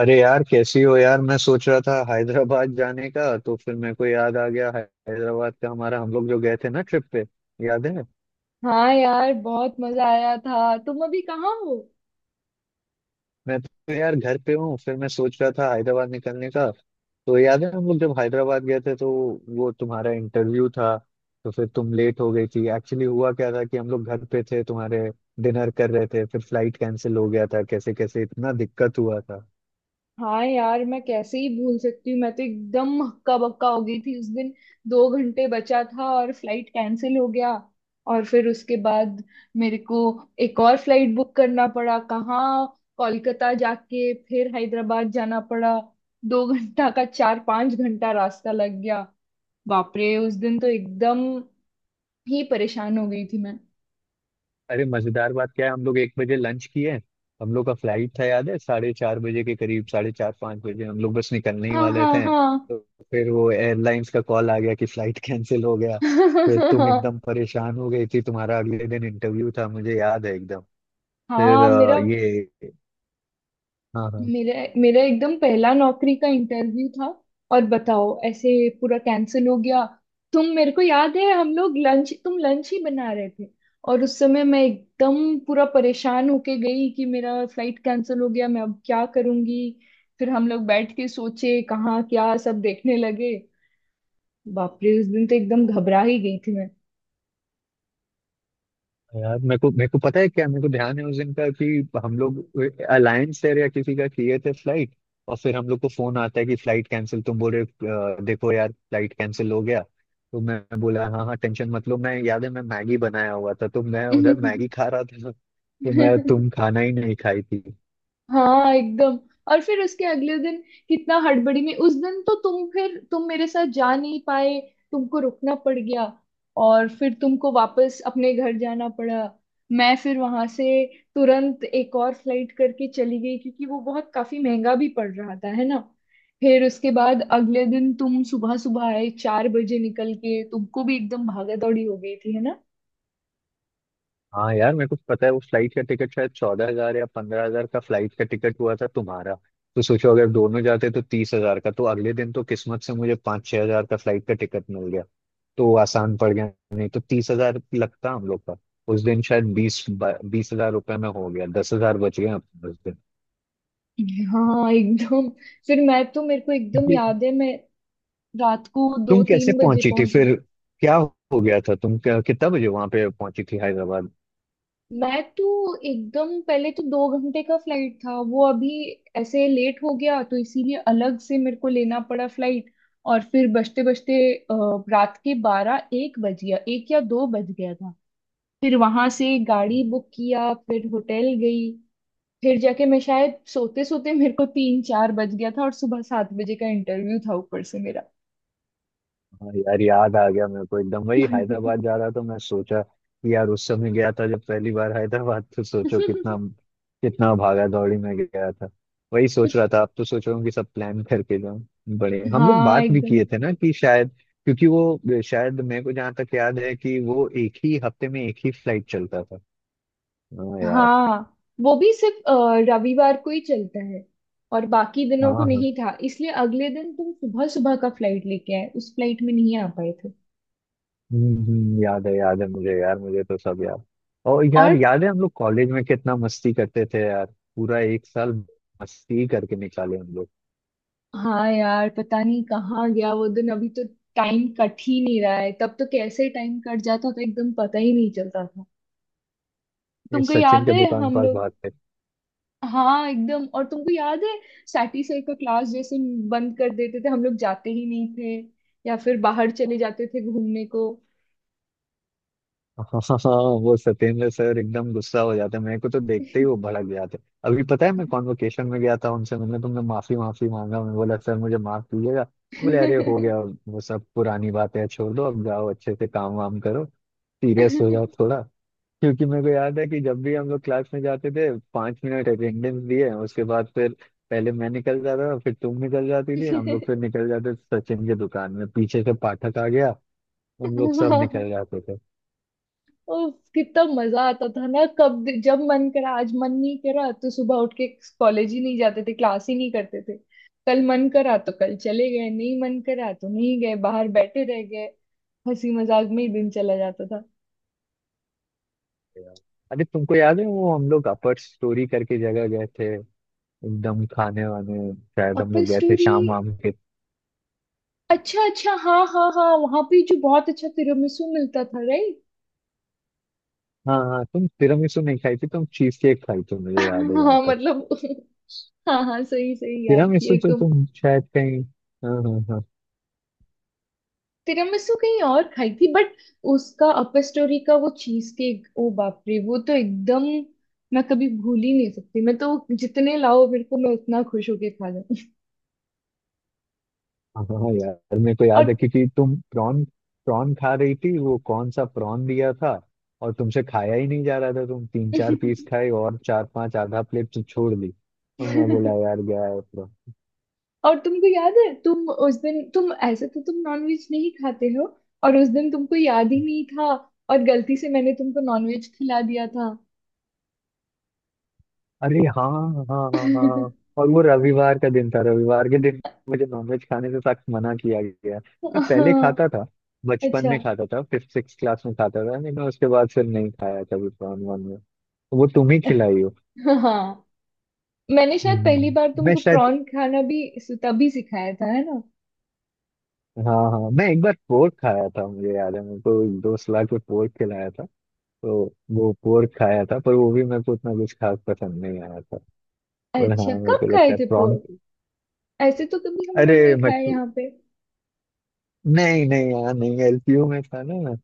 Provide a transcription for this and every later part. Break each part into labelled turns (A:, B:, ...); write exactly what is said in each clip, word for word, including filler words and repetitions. A: अरे यार, कैसी हो यार? मैं सोच रहा था हैदराबाद जाने का, तो फिर मेरे को याद आ गया है- हैदराबाद का, हमारा हम लोग जो गए थे ना ट्रिप पे। याद है?
B: हाँ यार, बहुत मजा आया था। तुम अभी कहाँ हो?
A: मैं तो यार घर पे हूँ। फिर मैं सोच रहा था हैदराबाद निकलने का। तो याद है हम लोग जब हैदराबाद गए थे, तो वो तुम्हारा इंटरव्यू था, तो फिर तुम लेट हो गई थी। एक्चुअली हुआ क्या था कि हम लोग घर पे थे तुम्हारे, डिनर कर रहे थे, फिर फ्लाइट कैंसिल हो गया था। कैसे कैसे इतना दिक्कत हुआ था।
B: हाँ यार, मैं कैसे ही भूल सकती हूँ। मैं तो एकदम हक्का बक्का हो गई थी उस दिन। दो घंटे बचा था और फ्लाइट कैंसिल हो गया। और फिर उसके बाद मेरे को एक और फ्लाइट बुक करना पड़ा। कहाँ, कोलकाता जाके फिर हैदराबाद जाना पड़ा। दो घंटा का चार पांच घंटा रास्ता लग गया। बाप रे, उस दिन तो एकदम ही परेशान हो गई थी मैं।
A: अरे मजेदार बात क्या है, हम लोग एक बजे लंच किए, हम लोग का फ्लाइट था याद है साढ़े चार बजे के करीब, साढ़े चार पाँच बजे हम लोग बस निकलने ही
B: हाँ
A: वाले थे,
B: हाँ
A: तो फिर वो एयरलाइंस का कॉल आ गया कि फ्लाइट कैंसिल हो गया। फिर तुम
B: हाँ
A: एकदम परेशान हो गई थी, तुम्हारा अगले दिन इंटरव्यू था, मुझे याद है एकदम। फिर
B: हाँ।
A: अ,
B: मेरा
A: ये। हाँ हाँ।
B: मेरा मेरा एकदम पहला नौकरी का इंटरव्यू था। और बताओ ऐसे पूरा कैंसिल हो गया। तुम मेरे को याद है, हम लोग लंच तुम लंच ही बना रहे थे। और उस समय मैं एकदम पूरा परेशान होके गई कि मेरा फ्लाइट कैंसिल हो गया, मैं अब क्या करूंगी। फिर हम लोग बैठ के सोचे कहाँ क्या, सब देखने लगे। बाप रे, उस दिन तो एकदम घबरा ही गई थी
A: तो यार मेरे को मेरे को पता है, क्या मेरे को ध्यान है उस दिन का कि हम लोग अलायंस एयर या किसी का किए थे फ्लाइट, और फिर हम लोग को फोन आता है कि फ्लाइट कैंसिल। तुम बोल रहे हो, "अ, देखो यार, फ्लाइट कैंसिल हो गया।" तो मैं बोला हाँ हाँ, टेंशन मत लो। मैं, याद है, मैं मैगी बनाया हुआ था तो मैं उधर मैगी खा रहा था। तो
B: मैं।
A: मैं, तुम खाना ही नहीं खाई थी।
B: हाँ एकदम। और फिर उसके अगले दिन कितना हड़बड़ी में। उस दिन तो तुम फिर तुम मेरे साथ जा नहीं पाए। तुमको रुकना पड़ गया। और फिर तुमको वापस अपने घर जाना पड़ा। मैं फिर वहां से तुरंत एक और फ्लाइट करके चली गई, क्योंकि वो बहुत काफी महंगा भी पड़ रहा था, है ना। फिर उसके बाद अगले दिन तुम सुबह सुबह आए, चार बजे निकल के। तुमको भी एकदम भागा दौड़ी हो गई थी, है ना।
A: हाँ यार, मेरे को पता है उस फ्लाइट का टिकट शायद चौदह हजार या पंद्रह हजार का फ्लाइट का टिकट हुआ था तुम्हारा। तो सोचो अगर दोनों जाते तो तीस हजार का। तो अगले दिन तो किस्मत से मुझे पाँच छह हजार का फ्लाइट का टिकट मिल गया, तो वो आसान पड़ गया, नहीं तो तीस हजार लगता हम लोग का। उस दिन शायद बीस बीस हजार रुपए में हो गया, दस हजार बच गए अपने उस दिन।
B: हाँ एकदम। फिर मैं तो, मेरे को एकदम
A: क्योंकि,
B: याद है। मैं रात को दो
A: तुम कैसे
B: तीन बजे
A: पहुंची थी
B: पहुंची।
A: फिर? क्या हो गया था? तुम क्या- कितना बजे वहां पे पहुंची थी हैदराबाद?
B: मैं तो एकदम पहले तो दो घंटे का फ्लाइट था। वो अभी ऐसे लेट हो गया, तो इसीलिए अलग से मेरे को लेना पड़ा फ्लाइट। और फिर बजते बजते रात के बारह एक बज गया। एक या दो बज गया था। फिर वहां से गाड़ी बुक किया, फिर होटल गई। फिर जाके मैं शायद सोते सोते मेरे को तीन चार बज गया था, और सुबह सात बजे का इंटरव्यू था ऊपर से मेरा।
A: हाँ यार याद आ गया मेरे को एकदम। वही हैदराबाद जा रहा था, मैं सोचा कि यार उस समय गया था जब पहली बार हैदराबाद, तो सोचो कितना, कितना भागा दौड़ी में गया था। वही सोच रहा था। अब तो सोच रहा हूँ कि सब प्लान करके जाऊँ। बड़े हम लोग
B: हाँ
A: बात भी
B: एकदम।
A: किए थे ना, कि शायद, क्योंकि वो शायद, मेरे को जहाँ तक याद है कि वो एक ही हफ्ते में एक ही फ्लाइट चलता था। हाँ यार।
B: हाँ, वो भी सिर्फ अ, रविवार को ही चलता है। और बाकी
A: हाँ
B: दिनों को
A: हाँ।
B: नहीं था, इसलिए अगले दिन तुम सुबह सुबह का फ्लाइट लेके आए। उस फ्लाइट में नहीं आ पाए थे।
A: हम्म, हम्म, याद है याद है मुझे यार, मुझे तो सब याद। और
B: और
A: यार याद है हम लोग कॉलेज में कितना मस्ती करते थे यार। पूरा एक साल मस्ती करके निकाले हम लोग।
B: हाँ यार, पता नहीं कहाँ गया वो दिन। अभी तो टाइम कट ही नहीं रहा है। तब तो कैसे टाइम कट जाता था, एकदम पता ही नहीं चलता था।
A: ये
B: तुमको
A: सचिन
B: याद
A: के
B: है
A: दुकान
B: हम
A: पास
B: लोग।
A: भागते।
B: हाँ एकदम। और तुमको याद है सैटी सर का क्लास जैसे बंद कर देते थे, हम लोग जाते ही नहीं थे। या फिर बाहर चले जाते थे घूमने को।
A: हाँ हाँ हाँ, वो सत्येंद्र सर एकदम गुस्सा हो जाते, मेरे को तो देखते ही वो भड़क जाते। अभी पता है मैं कॉन्वोकेशन में गया था उनसे, मैंने, तुमने, माफी माफी मांगा। मैं बोला सर मुझे माफ कीजिएगा। बोले अरे हो गया वो सब, पुरानी बातें हैं, छोड़ दो, अब जाओ अच्छे से काम वाम करो, सीरियस हो जाओ थोड़ा। क्योंकि मेरे को याद है कि जब भी हम लोग क्लास में जाते थे, पाँच मिनट अटेंडेंस दिए, उसके बाद फिर पहले मैं निकल जाता था, फिर तुम निकल जाती थी, हम लोग फिर निकल जाते थे सचिन की दुकान में, पीछे से पाठक आ गया, हम लोग सब निकल जाते थे।
B: उफ, कितना मजा आता था ना। कब जब मन करा, आज मन नहीं करा तो सुबह उठ के कॉलेज ही नहीं जाते थे, क्लास ही नहीं करते थे। कल मन करा तो कल चले गए, नहीं मन करा तो नहीं गए, बाहर बैठे रह गए। हंसी मजाक में ही दिन चला जाता था।
A: अरे तुमको याद है वो, हम लोग अपर स्टोरी करके जगह गए थे, एकदम खाने वाने, शायद हम
B: अपल
A: लोग गए थे
B: स्टोरी।
A: शाम वाम के।
B: अच्छा अच्छा, हाँ हाँ हाँ, वहां पे जो बहुत अच्छा तिरामिसू मिलता था, राइट?
A: हाँ हाँ, तुम तिरामिसू नहीं खाई थी, तुम चीज केक खाई थी मुझे याद है जहाँ
B: हाँ
A: तक।
B: मतलब, हाँ हाँ, सही सही याद
A: तिरामिसू
B: किए
A: तो
B: तुम।
A: तुम शायद कहीं। हाँ हाँ हाँ।
B: तिरामिसू कहीं और खाई थी, बट उसका अपर स्टोरी का वो चीज केक, ओ बाप रे, वो तो एकदम मैं कभी भूल ही नहीं सकती। मैं तो जितने लाओ मेरे को, मैं उतना खुश होके खा जाऊं।
A: हाँ यार मेरे को याद
B: और
A: है क्योंकि तुम प्रॉन, प्रॉन खा रही थी। वो कौन सा प्रॉन दिया था, और तुमसे खाया ही नहीं जा रहा था, तुम तीन चार पीस खाए, और चार पांच, आधा प्लेट तो छोड़ दी। और मैं बोला यार, गया है प्रॉन।
B: और तुमको याद है, तुम उस दिन, तुम ऐसे तो तुम नॉनवेज नहीं खाते हो, और उस दिन तुमको याद ही नहीं था, और गलती से मैंने तुमको नॉनवेज खिला दिया था।
A: अरे हाँ, हाँ हाँ हाँ। और वो रविवार का दिन था, रविवार के दिन मुझे नॉनवेज खाने से सख्त मना किया गया। मैं पहले
B: हाँ।
A: खाता था, बचपन
B: अच्छा।
A: में खाता था, फिफ्थ सिक्स क्लास में खाता था, लेकिन उसके बाद फिर नहीं खाया कभी प्रॉन वॉन में। वो तुम ही खिलाई हो।
B: हाँ, मैंने शायद पहली
A: हम्म,
B: बार
A: मैं
B: तुमको
A: शायद
B: प्रॉन खाना भी तभी सिखाया था, है ना।
A: हाँ हाँ, मैं एक बार पोर्क खाया था। मुझे याद है मेरे को एक दोस्त ला के पोर्क खिलाया था, तो वो पोर्क खाया था, पर वो भी मेरे को उतना कुछ खास पसंद नहीं आया था। और
B: अच्छा,
A: हाँ मेरे
B: कब
A: को
B: खाए
A: लगता है
B: थे
A: प्रॉन,
B: पोर्क? ऐसे तो कभी हम
A: अरे
B: लोग नहीं खाए
A: मछली,
B: यहाँ पे।
A: नहीं नहीं यार, नहीं, एल पी यू में था ना मैं,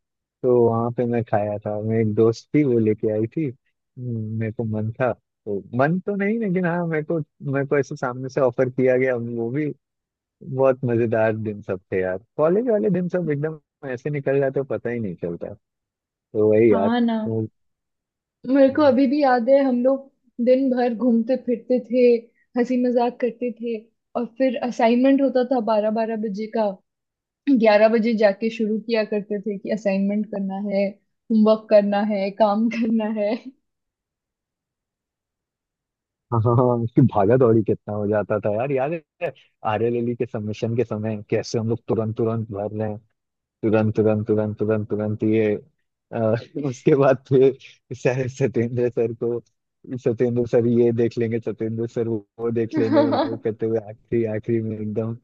A: तो वहाँ पे मैं खाया था। मेरी एक दोस्त थी, वो लेके आई थी। हम्म, मेरे को मन था, तो मन तो नहीं, लेकिन हाँ मेरे को, मेरे को ऐसे सामने से ऑफर किया गया वो भी। बहुत मजेदार दिन सब थे यार, कॉलेज वाले दिन सब एकदम ऐसे निकल जाते, पता ही नहीं चलता। तो वही यार
B: हाँ ना।
A: तो-
B: मेरे को अभी भी याद है, हम लोग दिन भर घूमते फिरते थे, हंसी मजाक करते थे। और फिर असाइनमेंट होता था बारह बारह बजे का। ग्यारह बजे जाके शुरू किया करते थे कि असाइनमेंट करना है, होमवर्क करना है, काम करना है।
A: हाँ, उसकी भागा दौड़ी कितना हो जाता था यार, याद है। आरएलएलई के सबमिशन के समय कैसे हम लोग तुरंत तुरंत भर रहे हैं, तुरंत तुरंत तुरंत तुरंत तुरंत ये अ, उसके बाद फिर सर सत्येंद्र सर को सत्येंद्र सर ये देख लेंगे, सत्येंद्र सर वो वो देख लेंगे, वो करते हुए आखिरी आखिरी में एकदम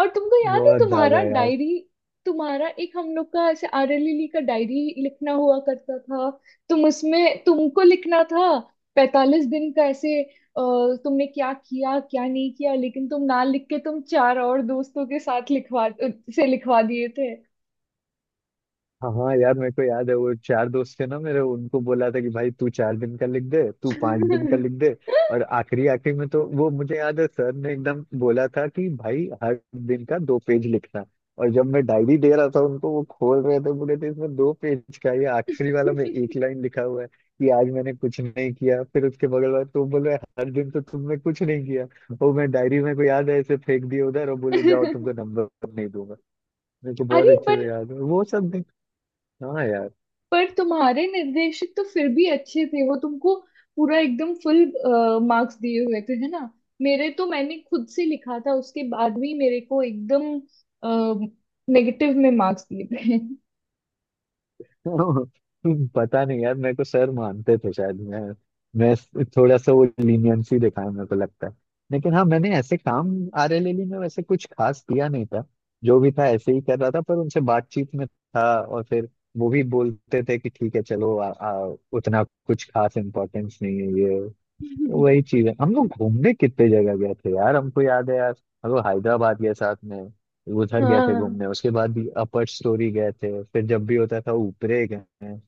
B: और तुमको याद है
A: बहुत
B: तुम्हारा
A: ज्यादा यार।
B: डायरी? तुम्हारा एक, हम लोग का ऐसे आर एल एल का डायरी लिखना हुआ करता था। तुम उसमें तुमको लिखना था पैतालीस दिन का ऐसे, अ, तुमने क्या किया क्या नहीं किया, लेकिन तुम ना लिख के तुम चार और दोस्तों के साथ लिखवा से लिखवा दिए थे।
A: हाँ हाँ यार मेरे को याद है, वो चार दोस्त थे ना मेरे, उनको बोला था कि भाई तू चार दिन का लिख दे, तू पांच दिन का लिख दे। और आखिरी आखिरी में तो वो मुझे याद है, सर ने एकदम बोला था कि भाई हर दिन का दो पेज लिखना। और जब मैं डायरी दे रहा था उनको, वो खोल रहे थे, बोले थे इसमें दो पेज का ये आखिरी वाला में एक लाइन लिखा हुआ है कि आज मैंने कुछ नहीं किया, फिर उसके बगल वाला, तुम बोल रहे हर दिन, तो तुमने कुछ नहीं किया। वो मैं डायरी में को याद है ऐसे फेंक दिया उधर, और बोले जाओ तुमको नंबर नहीं दूंगा। मेरे को बहुत
B: अरे हाँ,
A: अच्छे
B: पर
A: से याद है वो सब। हाँ यार।
B: पर तुम्हारे निर्देशक तो फिर भी अच्छे थे, वो तुमको पूरा एकदम फुल मार्क्स दिए हुए थे, है ना। मेरे तो, मैंने खुद से लिखा था, उसके बाद भी मेरे को एकदम नेगेटिव में मार्क्स दिए थे।
A: पता नहीं यार, मेरे को सर मानते थे शायद, मैं मैं थोड़ा सा, वो लीनियंसी दिखाया मेरे को लगता है। लेकिन हाँ मैंने ऐसे काम आर एल एल ई में वैसे कुछ खास किया नहीं था, जो भी था ऐसे ही कर रहा था, पर उनसे बातचीत में था, और फिर वो भी बोलते थे कि ठीक है चलो आ, आ, उतना कुछ खास इम्पोर्टेंस नहीं है ये। वही चीज है हम लोग घूमने कितने जगह गए थे यार, हमको याद है यार। हम लोग हैदराबाद गए साथ में, उधर गए थे
B: हाँ
A: घूमने, उसके बाद भी अपर स्टोरी गए थे, फिर जब भी होता था ऊपरे गए हैं,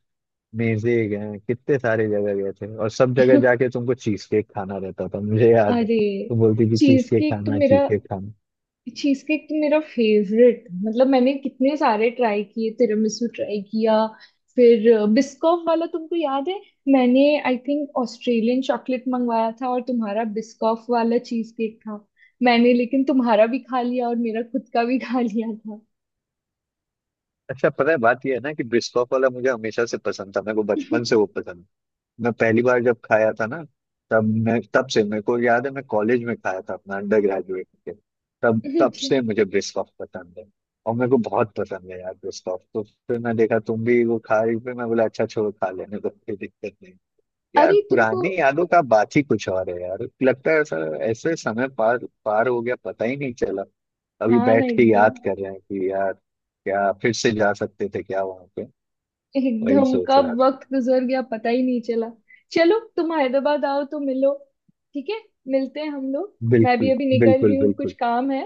A: मेजे गए हैं, कितने सारे जगह गए थे, और सब जगह जाके तुमको चीज केक खाना रहता था मुझे याद है।
B: अरे,
A: तुम बोलती थी चीज
B: चीज
A: केक
B: केक तो
A: खाना, चीज
B: मेरा,
A: केक खाना।
B: चीज केक तो मेरा फेवरेट। मतलब, मैंने कितने सारे ट्राई किए, तिरामिसू ट्राई किया, फिर बिस्कॉफ वाला, तुमको याद है। मैंने आई थिंक ऑस्ट्रेलियन चॉकलेट मंगवाया था, और तुम्हारा बिस्कॉफ वाला चीज केक था। मैंने लेकिन तुम्हारा भी खा लिया, और मेरा खुद का भी खा लिया था।
A: अच्छा पता है बात ये है ना, कि ब्रिस्कोफ वाला मुझे हमेशा से पसंद था, मेरे को बचपन से वो पसंद था। मैं पहली बार जब खाया था ना, तब मैं तब से मेरे को याद है, मैं कॉलेज में खाया था अपना अंडर ग्रेजुएट के, तब तब
B: अच्छा।
A: से मुझे ब्रिस्कॉफ पसंद है। और मेरे को बहुत पसंद है यार ब्रिस्कॉफ, तो फिर मैं देखा तुम भी वो खा रही, फिर मैं बोला अच्छा छोड़ो, खा लेने तो कोई दिक्कत नहीं। यार
B: अरे तुमको।
A: पुरानी यादों का बात ही कुछ और है यार, लगता है ऐसा ऐसे समय पार पार हो गया, पता ही नहीं चला। अभी
B: हाँ ना,
A: बैठ के
B: एकदम,
A: याद कर रहे हैं कि यार क्या फिर से जा सकते थे क्या वहां पे। वही
B: एकदम
A: सोच
B: कब
A: रहा था।
B: वक्त गुजर गया, पता ही नहीं चला। चलो, तुम हैदराबाद आओ तो मिलो। ठीक है, मिलते हैं हम लोग। मैं भी
A: बिल्कुल।
B: अभी निकल रही
A: बिल्कुल
B: हूँ, कुछ
A: बिल्कुल।
B: काम है।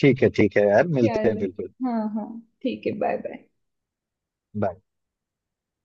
A: ठीक है ठीक है यार, मिलते हैं
B: चलो।
A: बिल्कुल।
B: हाँ हाँ, ठीक है, बाय बाय।
A: बाय।